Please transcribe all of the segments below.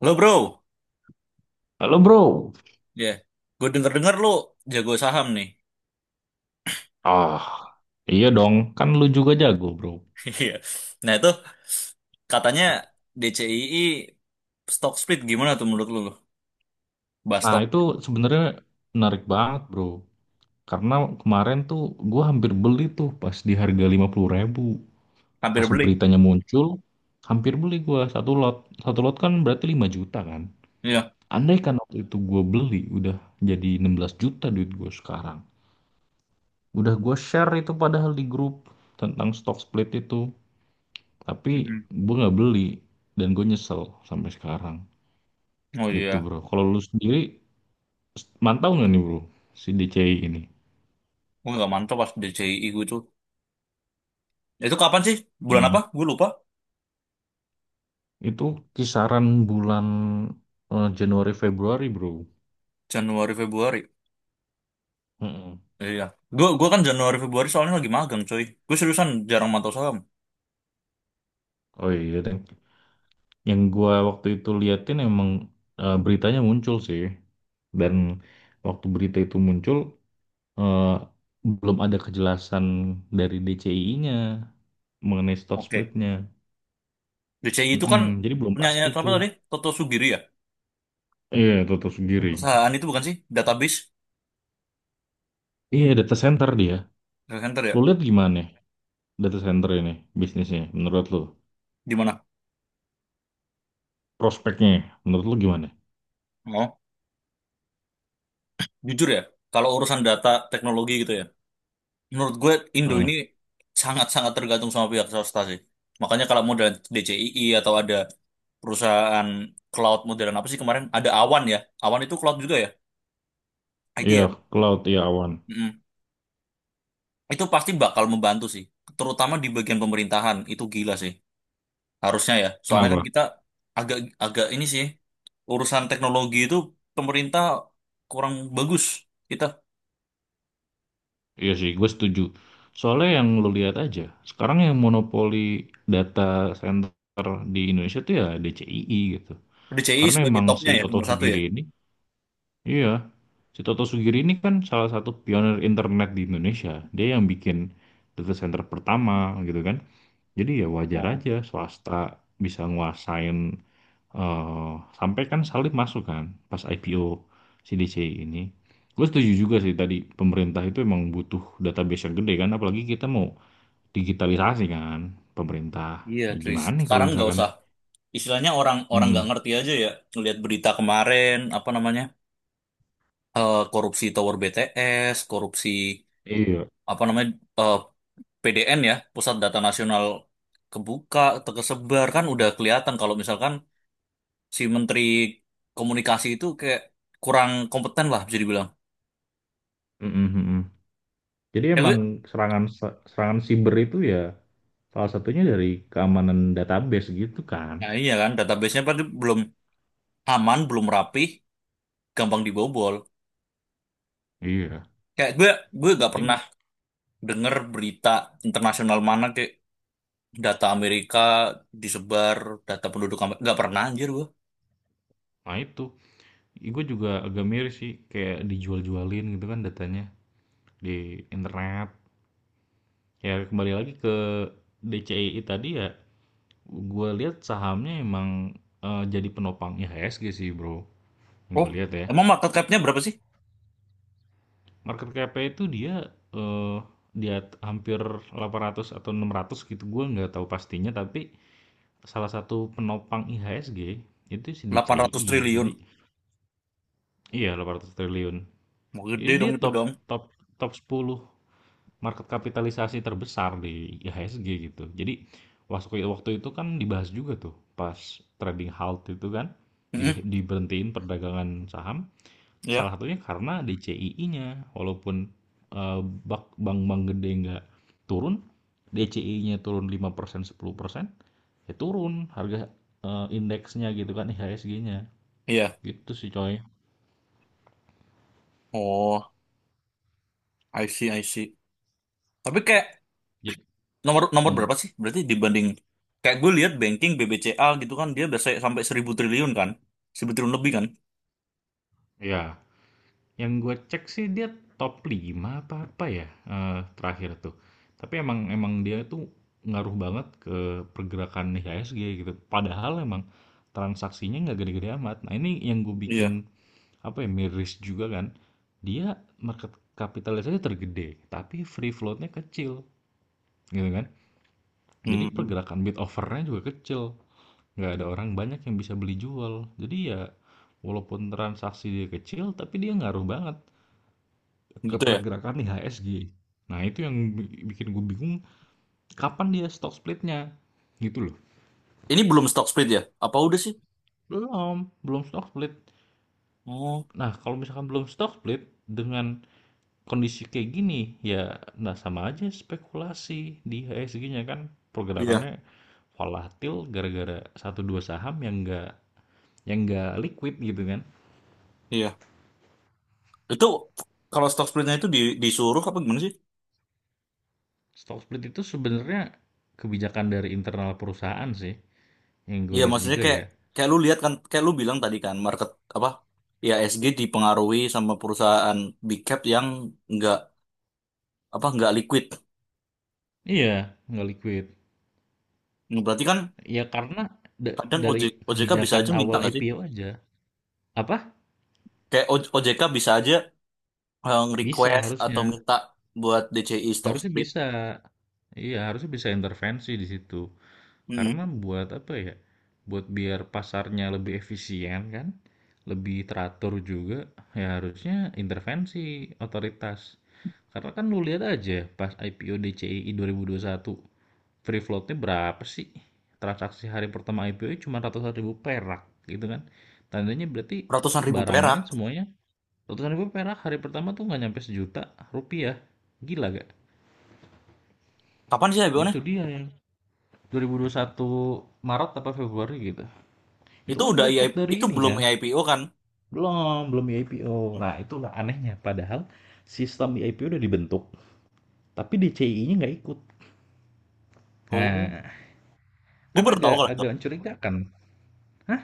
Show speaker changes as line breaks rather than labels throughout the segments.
Lo bro,
Halo bro.
ya, gue denger-denger lo jago saham nih.
Ah, iya dong, kan lu juga jago bro.
Iya. Nah itu katanya DCII stock split gimana tuh menurut lo? Bahas
Nah
stok
itu sebenarnya menarik banget bro. Karena kemarin tuh gue hampir beli tuh pas di harga 50 ribu. Pas
hampir beli.
beritanya muncul, hampir beli gue satu lot. Satu lot kan berarti 5 juta kan.
Iya.
Andai kan waktu itu gue beli, udah jadi 16 juta duit gue sekarang. Udah gue share itu padahal di grup tentang stock split itu. Tapi
Mm-mm.
gue nggak beli dan gue nyesel sampai sekarang.
Oh
Gitu
iya.
bro. Kalau lu sendiri mantau nggak nih bro si DCI ini?
Gue nggak mantap pas DCII gue tuh. Itu kapan sih? Bulan apa?
Hmm.
Gue lupa.
Itu kisaran bulan Januari Februari bro.
Januari Februari.
Mm-mm.
Iya. Gue kan Januari Februari soalnya lagi magang coy. Gue seriusan jarang mantau saham.
Oh iya, dan yang gua waktu itu liatin emang beritanya muncul sih. Dan waktu berita itu muncul eh, belum ada kejelasan dari DCI-nya mengenai stock
Oke.
splitnya.
DCI itu kan
Mm-mm. Jadi belum
punyanya
pasti
apa
tuh.
tadi? Toto Sugiri ya?
Iya, tutup sendiri.
Perusahaan itu bukan sih? Database.
Iya, data center dia.
Center
Lu
ya?
lihat gimana? Data center ini bisnisnya menurut lu
Di mana?
prospeknya menurut lu gimana?
Oh, jujur ya, kalau urusan data teknologi gitu ya, menurut gue Indo
Hmm.
ini sangat-sangat tergantung sama pihak swasta sih. Makanya kalau model DCII atau ada perusahaan cloud modern apa sih kemarin, ada Awan ya. Awan itu cloud juga ya, IT
Iya
ya.
cloud iya awan
Mm-mm. Itu pasti bakal membantu sih, terutama di bagian pemerintahan, itu gila sih. Harusnya ya, soalnya kan
kenapa?
kita agak agak ini sih, urusan teknologi itu pemerintah kurang bagus. Kita
Iya sih gue setuju, soalnya yang lu lihat aja sekarang yang monopoli data center di Indonesia tuh ya DCII gitu.
DCII
Karena
sebagai
emang si
topnya ya,
Toto
nomor satu
Sugiri ini, iya, si Toto Sugiri ini kan salah satu pionir internet di Indonesia. Dia yang bikin data center pertama gitu kan. Jadi ya wajar
ya.
aja swasta bisa nguasain eh sampai kan Salim masuk kan pas IPO CDC ini. Gue setuju juga sih tadi pemerintah itu emang butuh database yang gede kan, apalagi kita mau digitalisasi kan pemerintah.
Iya,
Ya
cuy.
gimana nih kalau
Sekarang nggak
misalkan,
usah. Istilahnya orang-orang nggak
mm-mm.
ngerti aja ya. Ngelihat berita kemarin, apa namanya? Korupsi Tower BTS, korupsi
Iya,
apa namanya? eh, PDN ya, Pusat Data Nasional kebuka, tersebar kan udah kelihatan kalau misalkan si Menteri Komunikasi itu kayak kurang kompeten lah bisa dibilang.
mm-mm, mm-mm. Jadi
Ya, gue,
emang serangan serangan siber itu ya salah satunya dari keamanan database gitu kan.
nah iya kan, database-nya pasti belum aman, belum rapih, gampang dibobol.
Iya.
Kayak gue gak
Jadi
pernah
emang-
denger berita internasional mana kayak Data Amerika disebar, data penduduk Amerika. Nggak pernah anjir gua.
Nah itu, gue juga agak miris sih kayak dijual-jualin gitu kan datanya di internet. Ya kembali lagi ke DCI tadi ya, gue lihat sahamnya emang, jadi penopang IHSG sih bro, yang
Oh,
gue lihat ya.
emang market cap-nya berapa sih?
Market cap-nya itu dia eh, di hampir 800 atau 600 gitu, gue nggak tahu pastinya, tapi salah satu penopang IHSG itu si
Delapan ratus
DCI,
triliun.
jadi iya 800 triliun.
Mau
Jadi
gede
dia
dong itu
top
dong.
top top 10 market kapitalisasi terbesar di IHSG gitu. Jadi waktu waktu itu kan dibahas juga tuh pas trading halt itu kan
Mm-mm.
diberhentiin perdagangan saham. Salah
Iya.
satunya karena DCII-nya, walaupun eh, bank-bank gede nggak turun, DCI-nya turun lima persen sepuluh persen, ya turun harga, indeksnya gitu kan IHSG-nya.
Iya.
Gitu sih coy.
Oh, I see, I see. Tapi kayak
Jadi,
nomor nomor
hmm,
berapa sih? Berarti dibanding kayak gue lihat banking BBCA gitu kan dia biasa sampai 1.000 triliun kan? 1.000 triliun lebih kan?
ya yang gue cek sih dia top 5 apa apa ya, terakhir tuh. Tapi emang emang dia tuh ngaruh banget ke pergerakan IHSG gitu. Padahal emang transaksinya nggak gede-gede amat. Nah ini yang gue bikin
Iya.
apa ya, miris juga kan. Dia market capitalisasi tergede, tapi free floatnya kecil gitu kan. Jadi
Hmm,
pergerakan bid overnya juga kecil, nggak ada orang banyak yang bisa beli jual. Jadi ya walaupun transaksi dia kecil, tapi dia ngaruh banget ke
gitu ya.
pergerakan IHSG. Nah, itu yang bikin gue bingung kapan dia stock splitnya gitu loh.
Ini belum stock split ya? Apa udah sih?
Belum, belum stock split.
Oh,
Nah, kalau misalkan belum stock split dengan kondisi kayak gini ya nah sama aja spekulasi di IHSG-nya kan
iya,
pergerakannya volatil gara-gara satu dua saham yang enggak liquid gitu kan.
iya. Itu kalau stock splitnya itu disuruh apa gimana sih?
Stock split itu sebenarnya kebijakan dari internal perusahaan sih yang gue
Iya,
lihat
maksudnya
juga
kayak
ya.
kayak lu lihat kan, kayak lu bilang tadi kan, market apa? Ya SG dipengaruhi sama perusahaan big cap yang nggak apa nggak liquid.
Iya, nggak liquid.
Nah, berarti kan
Ya karena
kadang
dari
OJK bisa
kebijakan
aja minta
awal
nggak sih?
IPO aja. Apa?
Kayak OJK bisa aja
Bisa
request atau
harusnya.
minta buat DCI stock
Harusnya
split.
bisa. Iya, harusnya bisa intervensi di situ.
Mm-mm.
Karena buat apa ya? Buat biar pasarnya lebih efisien kan? Lebih teratur juga, ya harusnya intervensi otoritas. Karena kan lu lihat aja pas IPO DCI 2021, free floatnya berapa sih? Transaksi hari pertama IPO cuma ratusan ribu perak gitu kan. Tandanya berarti
Ratusan ribu
barangnya
perak.
semuanya total gue perak hari pertama tuh nggak nyampe sejuta rupiah. Gila gak?
Kapan sih IPO-nya?
Itu dia yang 2021 Maret apa Februari gitu. Itu
Itu
kan
udah I
luput
itu
dari ini
belum
kan.
IPO kan?
Belum, belum IPO. Nah, itulah anehnya. Padahal sistem IPO udah dibentuk, tapi DCI-nya nggak ikut.
Oh,
Nah,
gue
kan
baru tahu
agak
kalau itu.
agak mencurigakan. Hah?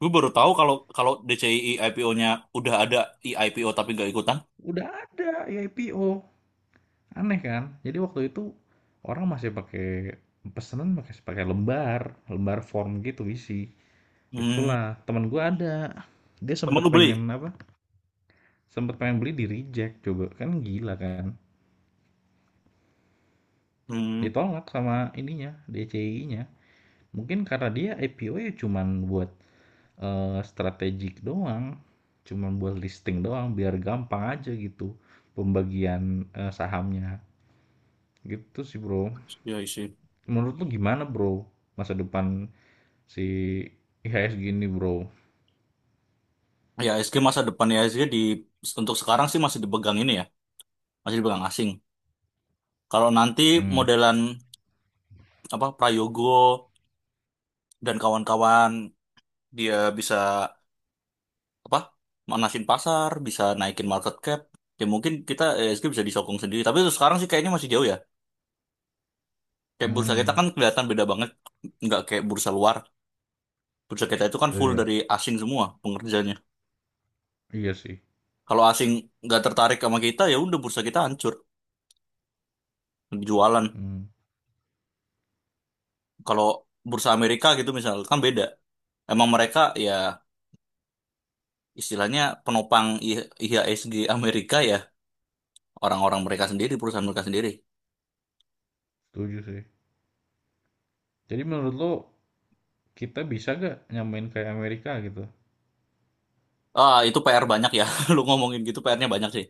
Gue baru tahu kalau kalau DCI IPO-nya udah ada IPO tapi nggak ikutan.
Udah ada IPO. Aneh kan? Jadi waktu itu orang masih pakai pesanan pakai pakai lembar, lembar form gitu isi.
Hmm.
Itulah, teman gue ada. Dia
Emang
sempet
lu beli?
pengen apa? Sempet pengen beli di reject coba. Kan gila kan.
Hmm,
Ditolak sama ininya, DCI-nya. Mungkin karena dia IPO ya cuman buat, strategik doang. Cuman buat listing doang biar gampang aja gitu pembagian, sahamnya. Gitu sih, Bro.
ya sih.
Menurut lu gimana, Bro? Masa depan si IHSG ini, Bro?
Ya SG masa depan ya SG di untuk sekarang sih masih dipegang ini ya, masih dipegang asing. Kalau nanti
Hmm.
modelan apa Prayogo dan kawan-kawan dia bisa apa manasin pasar, bisa naikin market cap, ya mungkin kita SG bisa disokong sendiri. Tapi untuk sekarang sih kayaknya masih jauh ya. Kayak bursa kita
Hmm.
kan kelihatan beda banget, nggak kayak bursa luar. Bursa kita itu kan full
Iya,
dari asing semua pengerjanya.
iya sih.
Kalau asing nggak tertarik sama kita, ya udah bursa kita hancur, jualan
Hmm.
kalau bursa Amerika gitu misal kan beda. Emang mereka ya istilahnya penopang IHSG Amerika ya orang-orang mereka sendiri, perusahaan mereka sendiri.
Setuju sih. Jadi menurut lo kita bisa gak nyamain kayak Amerika gitu?
Ah, itu PR banyak ya. Lu ngomongin gitu PR-nya banyak sih.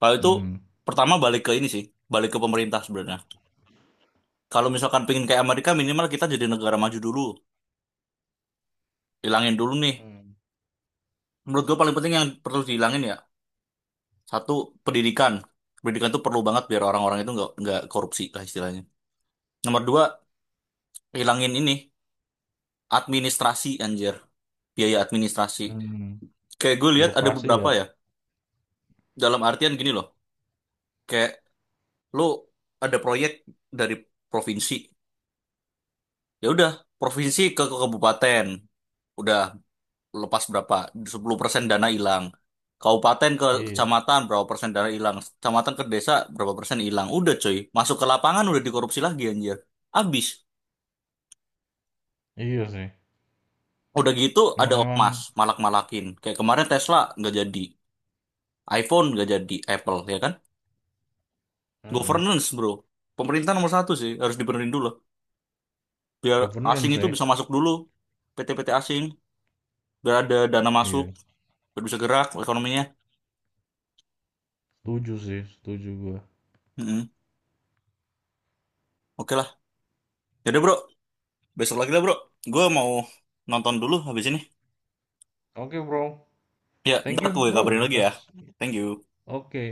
Kalau itu
Hmm.
pertama balik ke ini sih, balik ke pemerintah sebenarnya. Kalau misalkan pengen kayak Amerika minimal kita jadi negara maju dulu, hilangin dulu nih.
Hmm.
Menurut gua paling penting yang perlu dihilangin ya, satu pendidikan. Pendidikan tuh perlu banget biar orang-orang itu nggak korupsi lah istilahnya. Nomor dua, hilangin ini. Administrasi anjir biaya administrasi
Hmm.
kayak gue lihat ada
Birokrasi
beberapa
ya?
ya dalam artian gini loh kayak lu ada proyek dari provinsi ya udah provinsi ke kabupaten udah lepas berapa 10% dana hilang kabupaten ke
Iya.
kecamatan berapa persen dana hilang kecamatan ke desa berapa persen hilang udah coy masuk ke lapangan udah dikorupsi lagi anjir abis
Iya sih.
udah gitu ada
Emang emang
ormas malak-malakin kayak kemarin Tesla nggak jadi iPhone nggak jadi Apple ya kan
mm
Governance, bro. Pemerintah nomor satu sih, harus dibenerin dulu. Biar asing
Governance
itu
sih.
bisa masuk dulu. PT-PT asing, biar ada dana masuk,
Iya.
biar bisa gerak ekonominya.
Setuju sih, setuju gua.
Mm-mm. Oke lah. Yaudah bro, besok lagi lah bro. Gue mau nonton dulu habis ini.
Oke, bro.
Ya,
Thank
ntar
you,
gue
bro,
kabarin lagi ya.
atas
Thank you.
Oke.